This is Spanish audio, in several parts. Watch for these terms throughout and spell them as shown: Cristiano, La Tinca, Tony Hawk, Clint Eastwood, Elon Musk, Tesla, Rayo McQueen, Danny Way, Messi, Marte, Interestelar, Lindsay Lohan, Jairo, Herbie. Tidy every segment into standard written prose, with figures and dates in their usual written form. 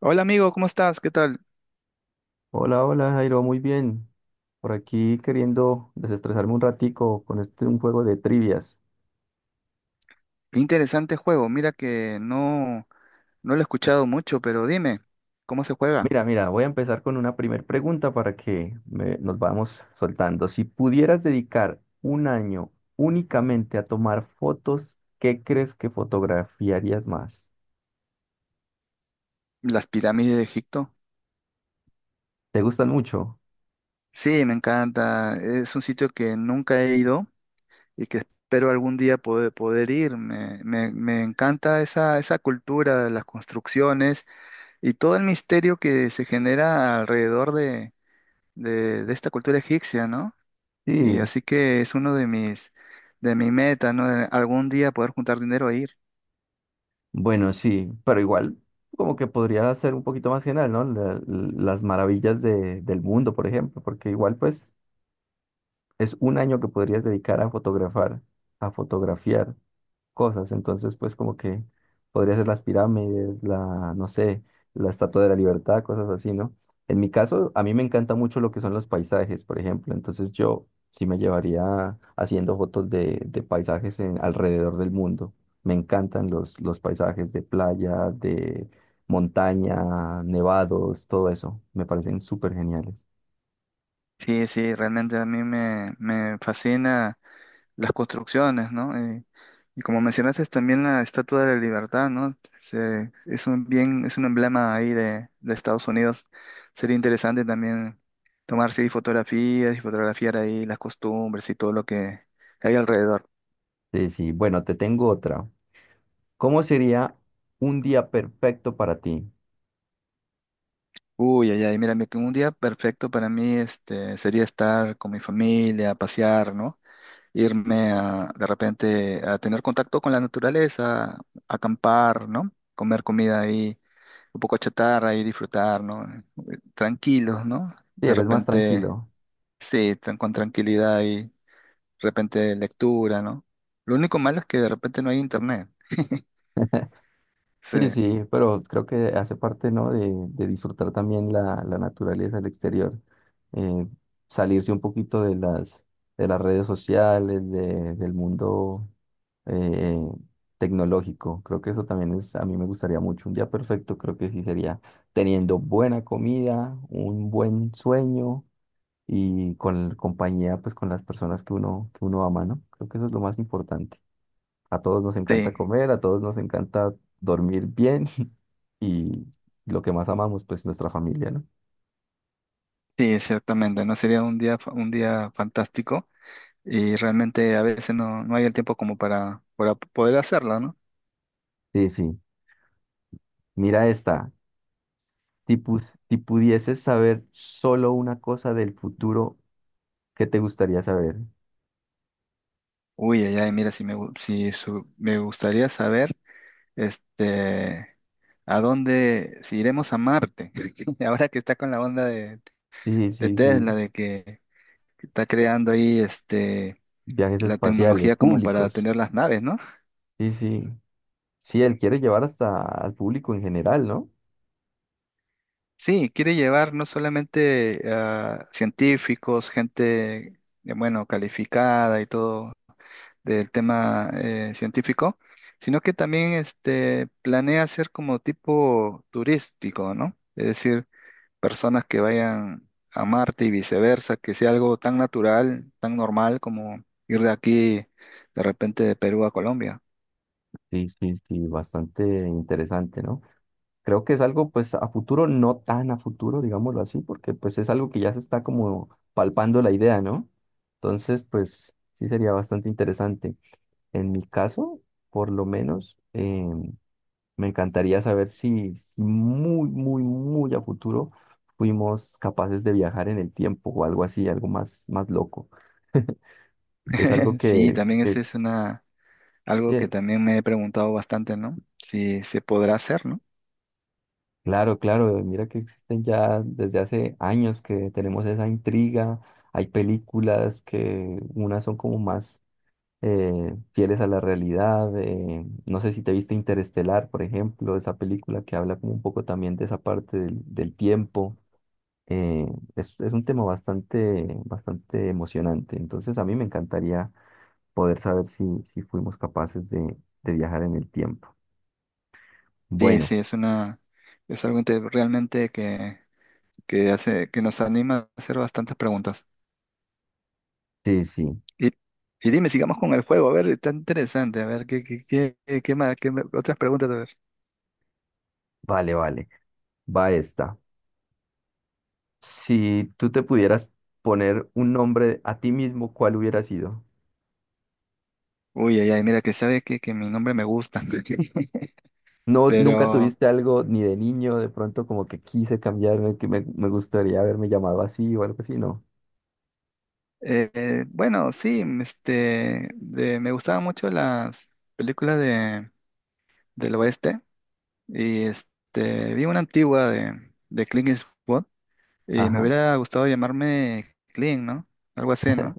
Hola amigo, ¿cómo estás? ¿Qué tal? Hola, hola Jairo, muy bien. Por aquí queriendo desestresarme un ratico con un juego de trivias. Interesante juego. Mira que no, no lo he escuchado mucho, pero dime, ¿cómo se juega? Mira, voy a empezar con una primer pregunta para nos vamos soltando. Si pudieras dedicar un año únicamente a tomar fotos, ¿qué crees que fotografiarías más? ¿Las pirámides de Egipto? ¿Te gustan mucho? Sí, me encanta. Es un sitio que nunca he ido y que espero algún día poder ir. Me encanta esa, esa cultura, las construcciones y todo el misterio que se genera alrededor de esta cultura egipcia, ¿no? Y Sí, así que es uno de de mi meta, ¿no? De algún día poder juntar dinero e ir. bueno, sí, pero igual como que podría ser un poquito más general, ¿no? Las maravillas del mundo, por ejemplo, porque igual pues es un año que podrías dedicar a fotografar, a fotografiar cosas. Entonces, pues como que podría ser las pirámides, la, no sé, la Estatua de la Libertad, cosas así, ¿no? En mi caso, a mí me encanta mucho lo que son los paisajes, por ejemplo. Entonces yo sí me llevaría haciendo fotos de paisajes en, alrededor del mundo. Me encantan los paisajes de playa, de montaña, nevados, todo eso. Me parecen súper geniales. Sí, sí, realmente a mí me fascina las construcciones, ¿no? Y como mencionaste, también la Estatua de la Libertad, ¿no? Es un bien, es un emblema ahí de Estados Unidos. Sería interesante también tomarse ahí fotografías y fotografiar ahí las costumbres y todo lo que hay alrededor. Sí, sí. Bueno, te tengo otra. ¿Cómo sería un día perfecto para ti? Uy, ay, ay, mira, un día perfecto para mí este, sería estar con mi familia, pasear, ¿no? Irme a, de repente a tener contacto con la naturaleza, acampar, ¿no? Comer comida ahí, un poco chatarra y disfrutar, ¿no? Tranquilos, ¿no? Sí, De eres más repente, tranquilo. sí, con tranquilidad y de repente lectura, ¿no? Lo único malo es que de repente no hay internet. Sí, Sí, sí, pero creo que hace parte, ¿no? De disfrutar también la naturaleza, el exterior, eh, salirse un poquito de de las redes sociales, del mundo eh, tecnológico. Creo que eso también es, a mí me gustaría mucho. Un día perfecto creo que sí sería teniendo buena comida, un buen sueño y con la compañía, pues con las personas que uno ama, ¿no? Creo que eso es lo más importante. A todos nos encanta sí, comer, a todos nos encanta dormir bien y lo que más amamos, pues nuestra familia, ¿no? sí, ciertamente, ¿no? Sería un un día fantástico y realmente a veces no, no hay el tiempo como para poder hacerlo, ¿no? Sí, sí. Mira esta. Si pudieses saber solo una cosa del futuro, ¿qué te gustaría saber? Uy, ay, ay, mira, si me, gu- si su- me gustaría saber, este, a dónde, si iremos a Marte, ahora que está con la onda Sí, de sí, Tesla, sí. de que está creando ahí, Viajes la espaciales, tecnología como para públicos. tener las naves, ¿no? Sí, sí. Sí, él quiere llevar hasta al público en general, ¿no? Sí, quiere llevar no solamente a científicos, gente, bueno, calificada y todo del tema científico, sino que también, planea hacer como tipo turístico, ¿no? Es decir, personas que vayan a Marte y viceversa, que sea algo tan natural, tan normal como ir de aquí de repente de Perú a Colombia. Sí, sí, sí, bastante interesante, ¿no? Creo que es algo pues a futuro, no tan a futuro, digámoslo así, porque pues es algo que ya se está como palpando la idea, ¿no? Entonces, pues sí sería bastante interesante. En mi caso, por lo menos, me encantaría saber si, si muy, muy, muy a futuro fuimos capaces de viajar en el tiempo o algo así, algo más, más loco. Es algo Sí, que, también ese que es una, algo que sí, también me he preguntado bastante, ¿no? Si se podrá hacer, ¿no? claro, claro, mira que existen ya desde hace años que tenemos esa intriga, hay películas que unas son como más fieles a la realidad, no sé si te viste Interestelar, por ejemplo, esa película que habla como un poco también de esa parte del tiempo, eh, es un tema bastante, bastante emocionante, entonces a mí me encantaría poder saber si, si fuimos capaces de viajar en el tiempo. Sí, Bueno, sí, es una, es algo realmente que hace, que nos anima a hacer bastantes preguntas. sí, sí, Y, y dime, sigamos con el juego, a ver, está interesante, a ver, ¿ qué más, otras preguntas, a ver? vale, vale, va esta. Si tú te pudieras poner un nombre a ti mismo, ¿cuál hubiera sido? Uy, ay, ay, mira, que sabe que mi nombre me gusta. No, nunca Pero tuviste algo ni de niño, de pronto como que quise cambiarme, que me gustaría haberme llamado así o algo así, ¿no? Bueno, sí, me gustaban mucho las películas del oeste y este, vi una antigua de Clint Eastwood y me Ajá. hubiera gustado llamarme Clint, ¿no? Algo así, ¿no?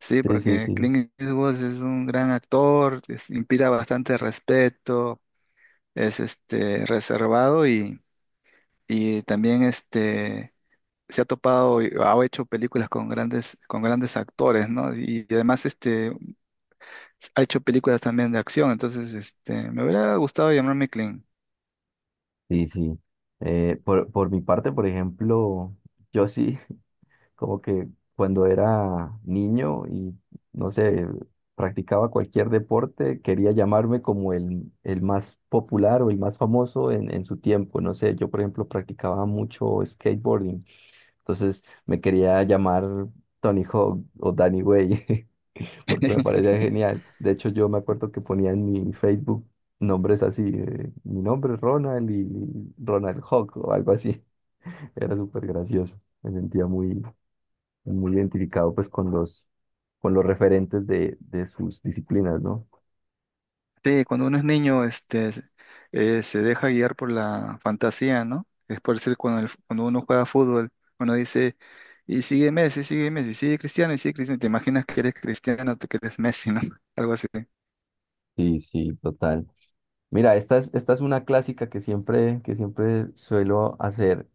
Sí, Sí, sí, porque sí. Clint Eastwood es un gran actor, inspira bastante respeto, es este, reservado y también este, se ha topado y ha hecho películas con con grandes actores, ¿no? Y además este, ha hecho películas también de acción, entonces este, me hubiera gustado llamarme Clint. Sí, sí. Por mi parte, por ejemplo, yo sí. Como que cuando era niño y no sé, practicaba cualquier deporte, quería llamarme como el más popular o el más famoso en su tiempo. No sé, yo por ejemplo practicaba mucho skateboarding, entonces me quería llamar Tony Hawk o Danny Way, porque me parecía genial. De hecho, yo me acuerdo que ponía en mi Facebook nombres así, mi nombre es Ronald y Ronald Hawk o algo así. Era súper gracioso, me sentía muy, muy identificado pues con con los referentes de sus disciplinas, ¿no? Sí, cuando uno es niño este, se deja guiar por la fantasía, ¿no? Es por decir, cuando uno juega fútbol, uno dice, y sigue Messi, sigue Messi, sigue Cristiano, y sigue Cristiano, te imaginas que eres Cristiano, que eres Messi, ¿no? Algo así. Sí, sí, total. Mira, esta es una clásica que siempre suelo hacer.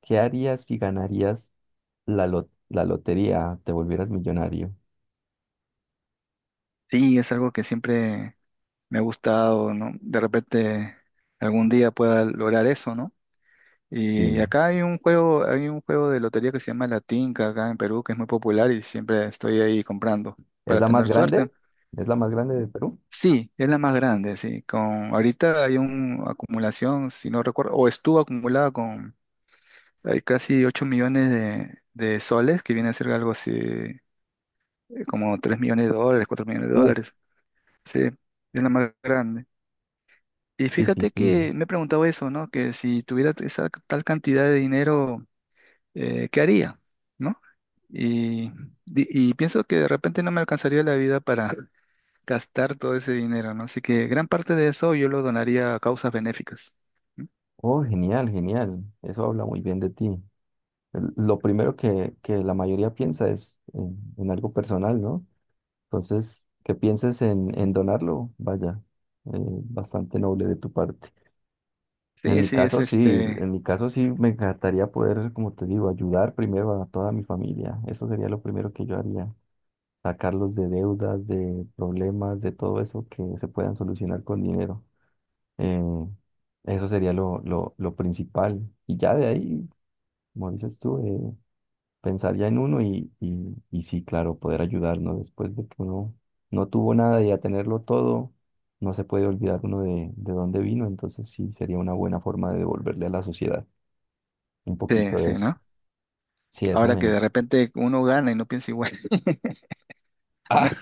¿Qué harías si ganarías la lotería, te volvieras millonario? Sí, es algo que siempre me ha gustado, ¿no? De repente algún día pueda lograr eso, ¿no? Sí. Y acá hay un juego de lotería que se llama La Tinca acá en Perú, que es muy popular y siempre estoy ahí comprando ¿Es para la más tener suerte. grande? ¿Es la más grande de Perú? Sí, es la más grande, sí. Ahorita hay una acumulación, si no recuerdo, o estuvo acumulada con hay casi 8 millones de soles, que viene a ser algo así, como 3 millones de dólares, cuatro millones de Uh, dólares. Sí, es la más grande. Y sí, sí, fíjate sí. que me he preguntado eso, ¿no? Que si tuviera esa tal cantidad de dinero ¿qué haría? ¿No? Y, y pienso que de repente no me alcanzaría la vida para gastar todo ese dinero, ¿no? Así que gran parte de eso yo lo donaría a causas benéficas, ¿no? Oh, genial, genial. Eso habla muy bien de ti. Lo primero que la mayoría piensa es en algo personal, ¿no? Entonces, que pienses en donarlo, vaya, bastante noble de tu parte. En Sí, mi sí, es caso sí, en este, mi caso sí me encantaría poder, como te digo, ayudar primero a toda mi familia. Eso sería lo primero que yo haría, sacarlos de deudas, de problemas, de todo eso que se puedan solucionar con dinero. Eh, eso sería lo principal. Y ya de ahí, como dices tú, pensaría en uno y sí, claro, poder ayudarnos después de que uno no tuvo nada y a tenerlo todo, no se puede olvidar uno de dónde vino, entonces sí, sería una buena forma de devolverle a la sociedad un poquito sí, de sí, eso. ¿no? Sí, eso Ahora que me... de repente uno gana y no piensa igual. ¿No? Ah,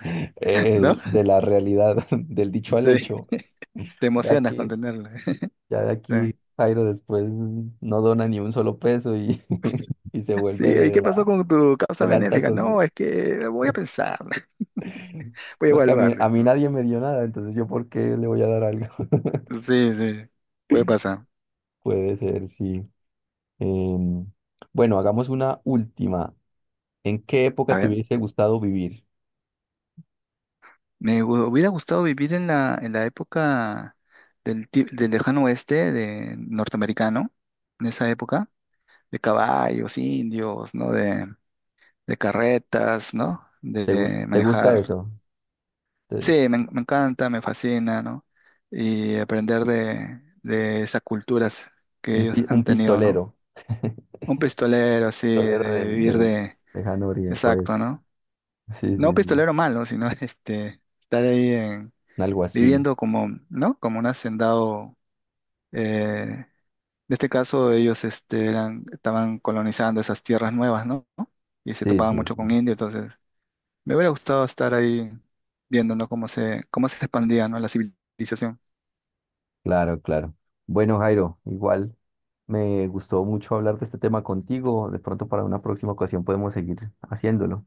¿No? de la realidad, del dicho al Sí, hecho, te de emocionas con aquí, tenerlo. ya de Sí. aquí, Jairo después no dona ni un solo peso y, y se vuelve Sí, ¿y qué pasó con tu causa de la alta benéfica? sociedad. No, es que voy a pensar, voy a No, es que a evaluarles, mí ¿no? nadie me dio nada, entonces yo por qué le voy a dar algo. Sí, sí, puede pasar. Puede ser, sí. Em, bueno, hagamos una última. ¿En qué A época te ver. hubiese gustado vivir? Hubiera gustado vivir en en la época del lejano oeste de norteamericano, en esa época, de caballos, indios, ¿no? De carretas, ¿no? ¿Te gus- De te gusta manejar. eso? Te- Sí, me encanta, me fascina, ¿no? Y aprender de esas culturas que un, ellos pi- han un tenido, ¿no? pistolero. Un pistolero, así, Pistolero de del, vivir del de... lejano oeste. Exacto, ¿no? Sí, sí, No un sí. pistolero malo, sino este, estar ahí Un alguacil. viviendo como, ¿no? Como un hacendado. eh, en este caso, ellos este, eran, estaban colonizando esas tierras nuevas, ¿no? Y se Sí, topaban sí, mucho sí. con India, entonces me hubiera gustado estar ahí viendo, ¿no? Cómo se expandía, ¿no? la civilización. Claro, claro. Bueno, Jairo, igual me gustó mucho hablar de este tema contigo. De pronto para una próxima ocasión podemos seguir haciéndolo.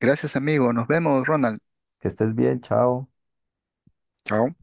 Gracias, amigo. Nos vemos, Ronald. Que estés bien, chao. Chao.